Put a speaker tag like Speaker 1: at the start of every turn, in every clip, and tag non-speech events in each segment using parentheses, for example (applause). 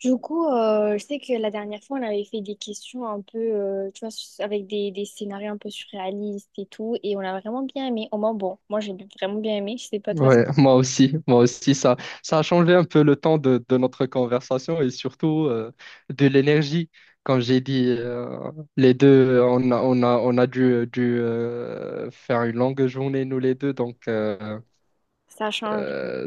Speaker 1: Du coup, je sais que la dernière fois, on avait fait des questions un peu, tu vois, avec des scénarios un peu surréalistes et tout, et on a vraiment bien aimé. Au moins, bon, moi, j'ai vraiment bien aimé. Je sais pas, toi,
Speaker 2: Ouais, (laughs) moi aussi, ça a changé un peu le temps de notre conversation et surtout de l'énergie. Comme j'ai dit, les deux, on a dû faire une longue journée, nous les deux. Donc,
Speaker 1: ça change.
Speaker 2: euh,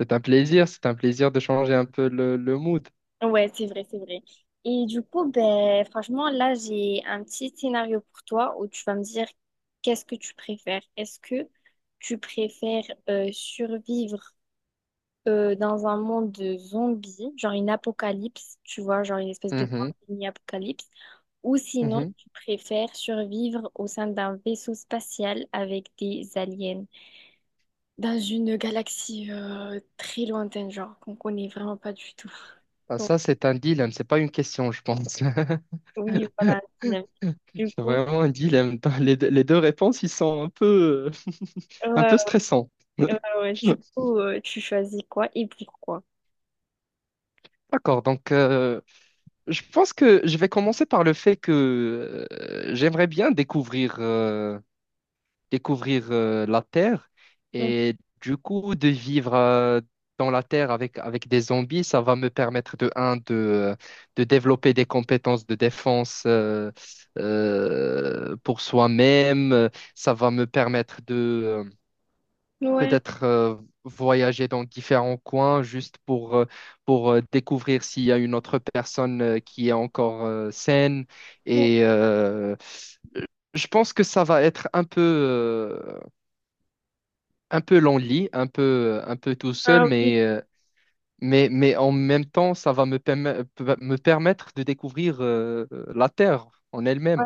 Speaker 2: c'est un plaisir de changer un peu le mood.
Speaker 1: Ouais, c'est vrai, c'est vrai. Et du coup, ben, franchement, là, j'ai un petit scénario pour toi où tu vas me dire qu'est-ce que tu préfères. Est-ce que tu préfères survivre dans un monde de zombies, genre une apocalypse, tu vois, genre une espèce de
Speaker 2: Mhm,
Speaker 1: pandémie apocalypse, ou sinon
Speaker 2: mhm.
Speaker 1: tu préfères survivre au sein d'un vaisseau spatial avec des aliens dans une galaxie très lointaine, genre qu'on connaît vraiment pas du tout. (laughs)
Speaker 2: Ah,
Speaker 1: Donc
Speaker 2: ça, c'est un dilemme, c'est pas une question, je pense. (laughs)
Speaker 1: oui, voilà, dynamique. Du
Speaker 2: C'est
Speaker 1: coup,
Speaker 2: vraiment un dilemme. Les deux réponses, ils sont un peu
Speaker 1: ouais,
Speaker 2: stressants.
Speaker 1: ouais, ouais, ouais. Du
Speaker 2: (laughs)
Speaker 1: coup, tu choisis quoi et pourquoi?
Speaker 2: D'accord, donc je pense que je vais commencer par le fait que j'aimerais bien découvrir la Terre
Speaker 1: Mm.
Speaker 2: et du coup de vivre dans la Terre avec, avec des zombies, ça va me permettre de, un, de développer des compétences de défense pour soi-même, ça va me permettre de
Speaker 1: Ouais.
Speaker 2: peut-être voyager dans différents coins juste pour découvrir s'il y a une autre personne qui est encore saine.
Speaker 1: Ouais.
Speaker 2: Et je pense que ça va être un peu lonely, un peu tout
Speaker 1: Ah
Speaker 2: seul,
Speaker 1: oui,
Speaker 2: mais en même temps, ça va me, me permettre de découvrir la Terre en elle-même.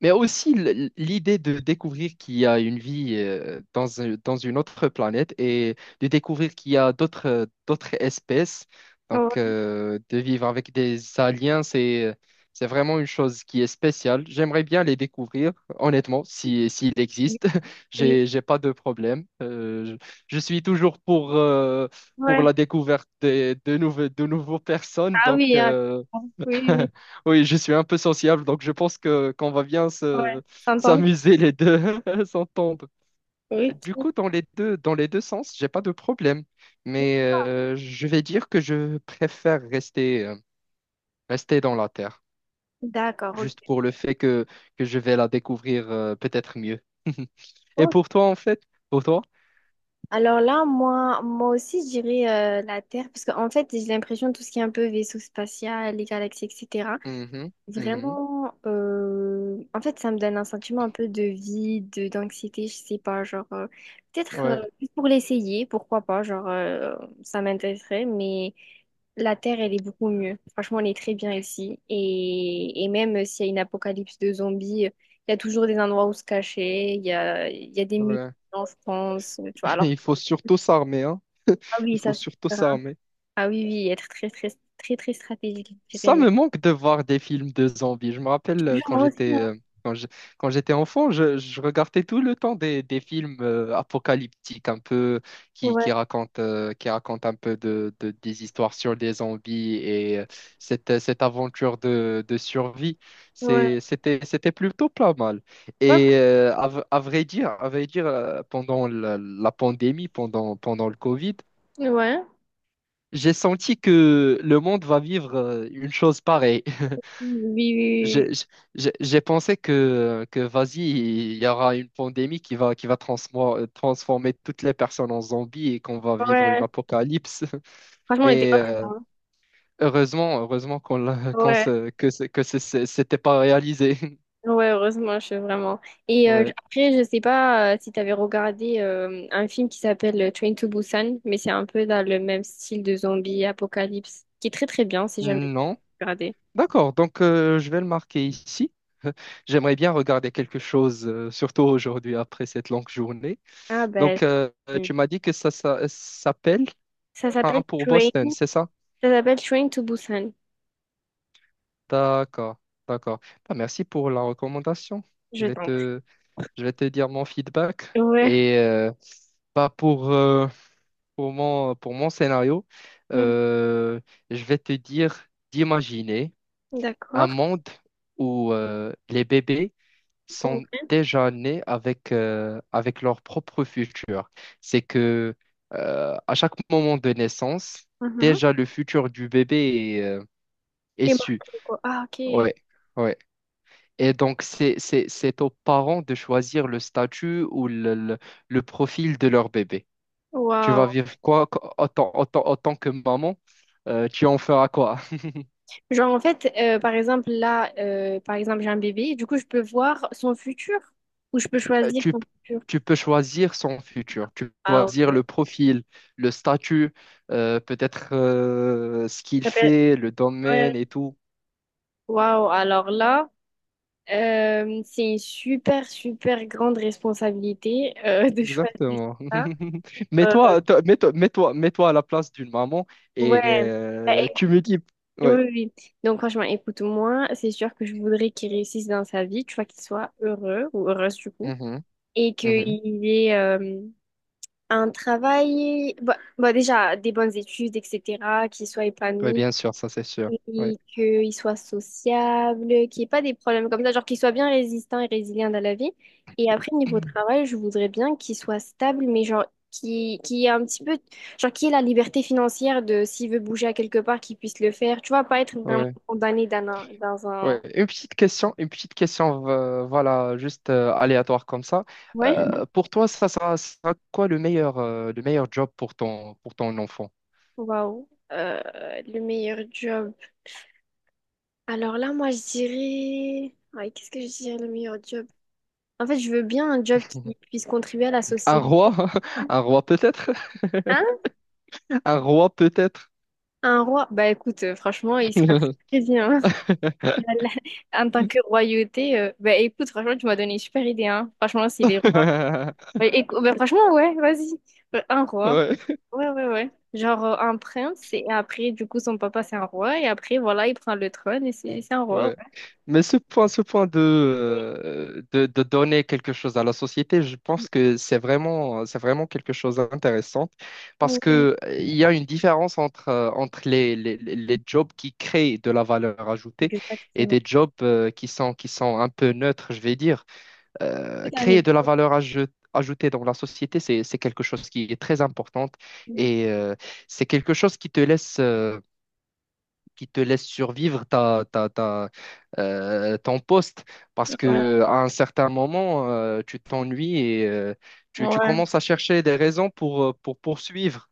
Speaker 2: Mais aussi l'idée de découvrir qu'il y a une vie dans, dans une autre planète et de découvrir qu'il y a d'autres espèces. Donc,
Speaker 1: ouais,
Speaker 2: de vivre avec des aliens, c'est vraiment une chose qui est spéciale. J'aimerais bien les découvrir, honnêtement, si s'ils
Speaker 1: oui,
Speaker 2: existent. (laughs)
Speaker 1: oui.
Speaker 2: J'ai pas de problème. Je suis toujours pour
Speaker 1: Ouais.
Speaker 2: la découverte de nouveaux personnes.
Speaker 1: Ah
Speaker 2: Donc,
Speaker 1: oui, ah, oui. Oui,
Speaker 2: (laughs) Oui, je suis un peu sociable, donc je pense que qu'on va bien
Speaker 1: ouais.
Speaker 2: se
Speaker 1: S'entendre?
Speaker 2: s'amuser les deux, (laughs) s'entendre. Du
Speaker 1: Ok,
Speaker 2: coup, dans les deux sens, j'ai pas de problème, mais je vais dire que je préfère rester rester dans la terre,
Speaker 1: d'accord,
Speaker 2: juste
Speaker 1: ok.
Speaker 2: pour le fait que je vais la découvrir peut-être mieux. (laughs) Et
Speaker 1: Oh,
Speaker 2: pour toi, en fait, pour toi?
Speaker 1: alors là, moi, moi aussi, je dirais la Terre, parce qu'en fait, j'ai l'impression tout ce qui est un peu vaisseau spatial, les galaxies, etc.
Speaker 2: Mhm, mhm,
Speaker 1: Vraiment, en fait, ça me donne un sentiment un peu de vide, d'anxiété, je sais pas, genre, peut-être
Speaker 2: ouais,
Speaker 1: juste pour l'essayer, pourquoi pas, genre, ça m'intéresserait, mais la Terre, elle est beaucoup mieux. Franchement, elle est très bien ici. Et même s'il y a une apocalypse de zombies, il y a toujours des endroits où se cacher, il y a des musées
Speaker 2: ouais.
Speaker 1: en France, tu vois.
Speaker 2: (laughs)
Speaker 1: Alors,
Speaker 2: Il faut surtout s'armer, hein.
Speaker 1: ah oui,
Speaker 2: Il faut
Speaker 1: ça, c'est
Speaker 2: surtout
Speaker 1: différent.
Speaker 2: s'armer.
Speaker 1: Ah oui, oui, être très, très, très, très stratégique, je dirais,
Speaker 2: Ça
Speaker 1: mais.
Speaker 2: me manque de voir des films de zombies. Je me rappelle
Speaker 1: Moi aussi, hein.
Speaker 2: quand je- quand j'étais enfant, je regardais tout le temps des films apocalyptiques un peu qui,
Speaker 1: Ouais,
Speaker 2: qui racontent un peu des histoires sur des zombies et cette, cette aventure de survie.
Speaker 1: ouais.
Speaker 2: C'était plutôt pas mal. Et à vrai dire pendant la pandémie, pendant le Covid,
Speaker 1: Ouais, ouais.
Speaker 2: j'ai senti que le monde va vivre une chose pareille. (laughs)
Speaker 1: Oui, oui,
Speaker 2: J'ai j'ai pensé que vas-y, il y aura une pandémie qui va transformer toutes les personnes en zombies et qu'on va
Speaker 1: oui.
Speaker 2: vivre une
Speaker 1: Ouais.
Speaker 2: apocalypse. (laughs)
Speaker 1: Franchement, on n'était
Speaker 2: Mais
Speaker 1: pas très loin.
Speaker 2: heureusement, heureusement qu'on l'a- qu'on
Speaker 1: Ouais.
Speaker 2: se- que ce- ce- c'était pas réalisé. (laughs)
Speaker 1: Ouais, heureusement, je vraiment. Et
Speaker 2: Ouais.
Speaker 1: après, je sais pas si tu avais regardé un film qui s'appelle Train to Busan, mais c'est un peu dans le même style de zombie apocalypse, qui est très très bien si jamais tu
Speaker 2: Non.
Speaker 1: veux regarder.
Speaker 2: D'accord, donc je vais le marquer ici. (laughs) J'aimerais bien regarder quelque chose, surtout aujourd'hui après cette longue journée.
Speaker 1: Ah ben,
Speaker 2: Donc,
Speaker 1: hmm.
Speaker 2: tu m'as dit que ça s'appelle
Speaker 1: Ça s'appelle
Speaker 2: Train pour
Speaker 1: Train,
Speaker 2: Boston, c'est ça?
Speaker 1: ça s'appelle Train to Busan.
Speaker 2: D'accord, d'accord. Bah, merci pour la recommandation. Je
Speaker 1: Je
Speaker 2: vais
Speaker 1: t'en prie.
Speaker 2: te, je vais te dire mon feedback.
Speaker 1: Ouais.
Speaker 2: Et bah, pour mon scénario,
Speaker 1: Hmm.
Speaker 2: euh, je vais te dire d'imaginer un
Speaker 1: D'accord.
Speaker 2: monde où les bébés sont
Speaker 1: Ouais.
Speaker 2: déjà nés avec, avec leur propre futur. C'est que à chaque moment de naissance,
Speaker 1: Mhm.
Speaker 2: déjà le futur du bébé est, est
Speaker 1: Et moi, je
Speaker 2: su.
Speaker 1: trouve quoi. Ah, ok.
Speaker 2: Ouais, ouais. Et donc, c'est aux parents de choisir le statut ou le profil de leur bébé. Tu vas
Speaker 1: Waouh.
Speaker 2: vivre quoi en tant que maman? Tu en feras quoi?
Speaker 1: Genre, en fait, par exemple, là, par exemple, j'ai un bébé, du coup, je peux voir son futur ou je peux
Speaker 2: Euh,
Speaker 1: choisir
Speaker 2: Tu,
Speaker 1: son futur.
Speaker 2: Tu peux choisir son futur. Tu peux
Speaker 1: Ah,
Speaker 2: choisir
Speaker 1: ok.
Speaker 2: le profil, le statut, peut-être ce qu'il
Speaker 1: Ça peut-
Speaker 2: fait, le
Speaker 1: ouais.
Speaker 2: domaine et tout.
Speaker 1: Waouh, alors là, c'est une super, super grande responsabilité (laughs) de choisir
Speaker 2: Exactement.
Speaker 1: ça.
Speaker 2: (laughs)
Speaker 1: Euh,
Speaker 2: Mets-toi, toi- mets-toi, mets-toi, Mets-toi à la place d'une maman
Speaker 1: ouais.
Speaker 2: et
Speaker 1: Bah,
Speaker 2: tu
Speaker 1: écoute-
Speaker 2: me dis...
Speaker 1: oui,
Speaker 2: Ouais.
Speaker 1: oui, oui. Donc, franchement, écoute-moi, c'est sûr que je voudrais qu'il réussisse dans sa vie, tu vois, qu'il soit heureux ou heureuse, du coup,
Speaker 2: Mhm,
Speaker 1: et
Speaker 2: mhm.
Speaker 1: qu'il ait. Un travail, bah, bah, déjà des bonnes études, etc., qu'il soit
Speaker 2: Oui,
Speaker 1: épanoui,
Speaker 2: bien sûr, ça c'est sûr. Ouais.
Speaker 1: et qu'il soit sociable, qu'il n'y ait pas des problèmes comme ça, genre qu'il soit bien résistant et résilient dans la vie. Et après, niveau
Speaker 2: (clears throat)
Speaker 1: travail, je voudrais bien qu'il soit stable, mais genre qui ait un petit peu, genre qui ait la liberté financière de s'il veut bouger à quelque part, qu'il puisse le faire. Tu vois, pas être vraiment
Speaker 2: Ouais,
Speaker 1: condamné dans un, dans
Speaker 2: ouais.
Speaker 1: un...
Speaker 2: Une petite question, voilà, juste aléatoire comme ça.
Speaker 1: Ouais.
Speaker 2: Pour toi, ça sera quoi le meilleur job pour ton enfant?
Speaker 1: Waouh. Le meilleur job. Alors là, moi, je dirais... Ouais, qu'est-ce que je dirais le meilleur job? En fait, je veux bien un job qui
Speaker 2: (laughs)
Speaker 1: puisse contribuer à la
Speaker 2: Un
Speaker 1: société.
Speaker 2: roi? (laughs) Un roi peut-être? (laughs)
Speaker 1: Hein?
Speaker 2: Un roi peut-être?
Speaker 1: Un roi? Bah écoute, franchement, il sera
Speaker 2: (laughs)
Speaker 1: très bien. (laughs) Voilà. En tant que royauté, bah écoute, franchement, tu m'as donné une super idée, hein. Franchement, si les rois... Bah,
Speaker 2: (laughs)
Speaker 1: écou- bah, franchement, ouais, vas-y. Un roi.
Speaker 2: Ouais.
Speaker 1: Ouais, ouais, ouais. Genre un prince, et après, du coup, son papa, c'est un roi, et après, voilà, il prend le trône, et c'est un roi.
Speaker 2: Ouais. Mais ce point
Speaker 1: Ouais,
Speaker 2: de donner quelque chose à la société, je pense que c'est vraiment quelque chose d'intéressant parce
Speaker 1: Ouais,
Speaker 2: que il y a une différence entre, entre les jobs qui créent de la valeur ajoutée et
Speaker 1: exactement.
Speaker 2: des jobs qui sont un peu neutres, je vais dire.
Speaker 1: C'est un
Speaker 2: Créer de la
Speaker 1: exemple.
Speaker 2: valeur ajoutée dans la société, c'est quelque chose qui est très importante et c'est quelque chose qui te laisse survivre ton poste parce
Speaker 1: Ouais,
Speaker 2: que à un certain moment, tu t'ennuies et tu
Speaker 1: ouais.
Speaker 2: commences à chercher des raisons pour poursuivre.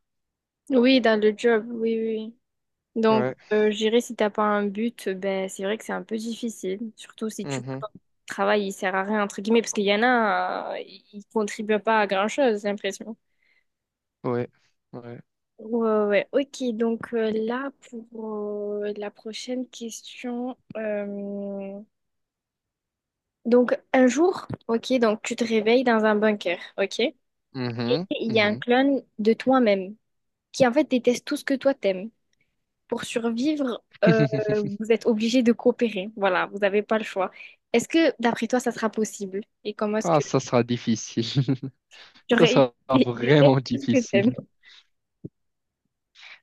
Speaker 1: Oui, dans le job, oui, oui. Oui. Donc,
Speaker 2: Ouais.
Speaker 1: je dirais, si t'as pas un but, ben, c'est vrai que c'est un peu difficile. Surtout si tu vois
Speaker 2: Mhm.
Speaker 1: que ton travail, il sert à rien, entre guillemets, parce qu'il y en a, ils contribuent pas à grand-chose, j'ai l'impression.
Speaker 2: Ouais. Ouais.
Speaker 1: Ouais, ouais, ok. Donc là, pour la prochaine question. Donc, un jour, ok, donc tu te réveilles dans un bunker, ok?
Speaker 2: Mhm.
Speaker 1: Il y a un
Speaker 2: Mhm.
Speaker 1: clone de toi-même qui, en fait, déteste tout ce que toi t'aimes. Pour survivre,
Speaker 2: (laughs)
Speaker 1: vous êtes obligé de coopérer. Voilà, vous n'avez pas le choix. Est-ce que, d'après toi, ça sera possible? Et comment est-ce
Speaker 2: Ah,
Speaker 1: que
Speaker 2: ça sera difficile. (laughs) Ça
Speaker 1: j'aurais
Speaker 2: sera
Speaker 1: idée
Speaker 2: vraiment
Speaker 1: de ce que t'aimes?
Speaker 2: difficile.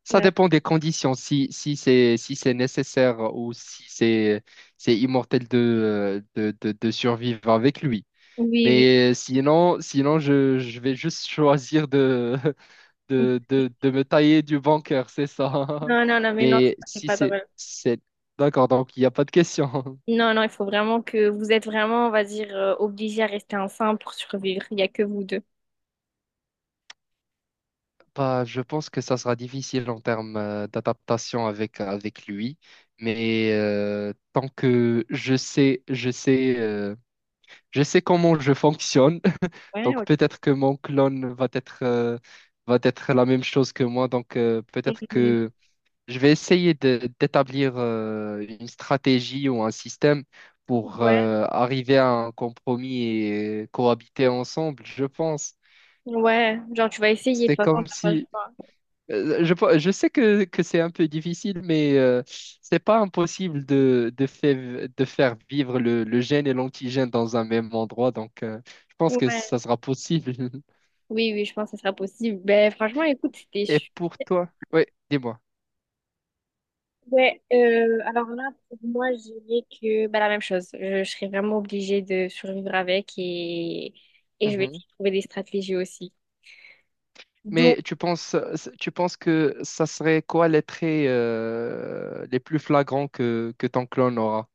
Speaker 2: Ça
Speaker 1: Ah,
Speaker 2: dépend des conditions. Si, si c'est nécessaire ou si c'est immortel de survivre avec lui.
Speaker 1: oui, oui.
Speaker 2: Mais sinon, je vais juste choisir de, (laughs) de me tailler du bancaire, c'est ça.
Speaker 1: Non, non, non,
Speaker 2: (laughs)
Speaker 1: mais non,
Speaker 2: Mais
Speaker 1: ça, c'est
Speaker 2: si
Speaker 1: pas
Speaker 2: c'est,
Speaker 1: drôle.
Speaker 2: c'est... D'accord, donc il n'y a pas de question. (laughs)
Speaker 1: Non, non, il faut vraiment que vous êtes vraiment, on va dire, obligé à rester ensemble pour survivre. Il n'y a que vous deux.
Speaker 2: Bah, je pense que ça sera difficile en termes d'adaptation avec, avec lui. Mais tant que je sais comment je fonctionne, (laughs)
Speaker 1: Ouais,
Speaker 2: donc
Speaker 1: ok.
Speaker 2: peut-être que mon clone va être la même chose que moi. Donc peut-être
Speaker 1: Mhm.
Speaker 2: que je vais essayer d'établir une stratégie ou un système pour
Speaker 1: Ouais,
Speaker 2: arriver à un compromis et cohabiter ensemble, je pense.
Speaker 1: ouais, genre tu vas essayer, de toute
Speaker 2: C'est
Speaker 1: façon,
Speaker 2: comme
Speaker 1: t'as pas le
Speaker 2: si...
Speaker 1: choix.
Speaker 2: Je sais que c'est un peu difficile, mais c'est pas impossible de faire vivre le gène et l'antigène dans un même endroit. Donc, je pense que
Speaker 1: Ouais.
Speaker 2: ça sera possible. (laughs)
Speaker 1: Oui, oui, je pense que ça sera possible. Ben, franchement, écoute, c'était
Speaker 2: Et pour toi? Oui, dis-moi.
Speaker 1: ouais, alors là, pour moi, je dirais que bah, la même chose. Je serais vraiment obligée de survivre avec et je vais essayer de trouver des stratégies aussi. Donc,
Speaker 2: Mais tu penses que ça serait quoi les traits les plus flagrants que ton clone aura?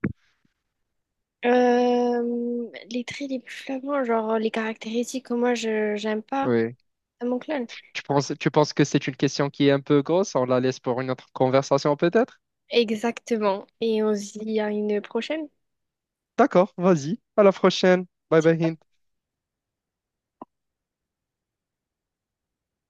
Speaker 1: les traits les plus flagrants, genre les caractéristiques que moi, je j'aime pas
Speaker 2: Oui.
Speaker 1: à mon clone.
Speaker 2: Tu penses que c'est une question qui est un peu grosse? On la laisse pour une autre conversation peut-être?
Speaker 1: Exactement. Et on se dit à une prochaine.
Speaker 2: D'accord, vas-y. À la prochaine. Bye bye, Hind.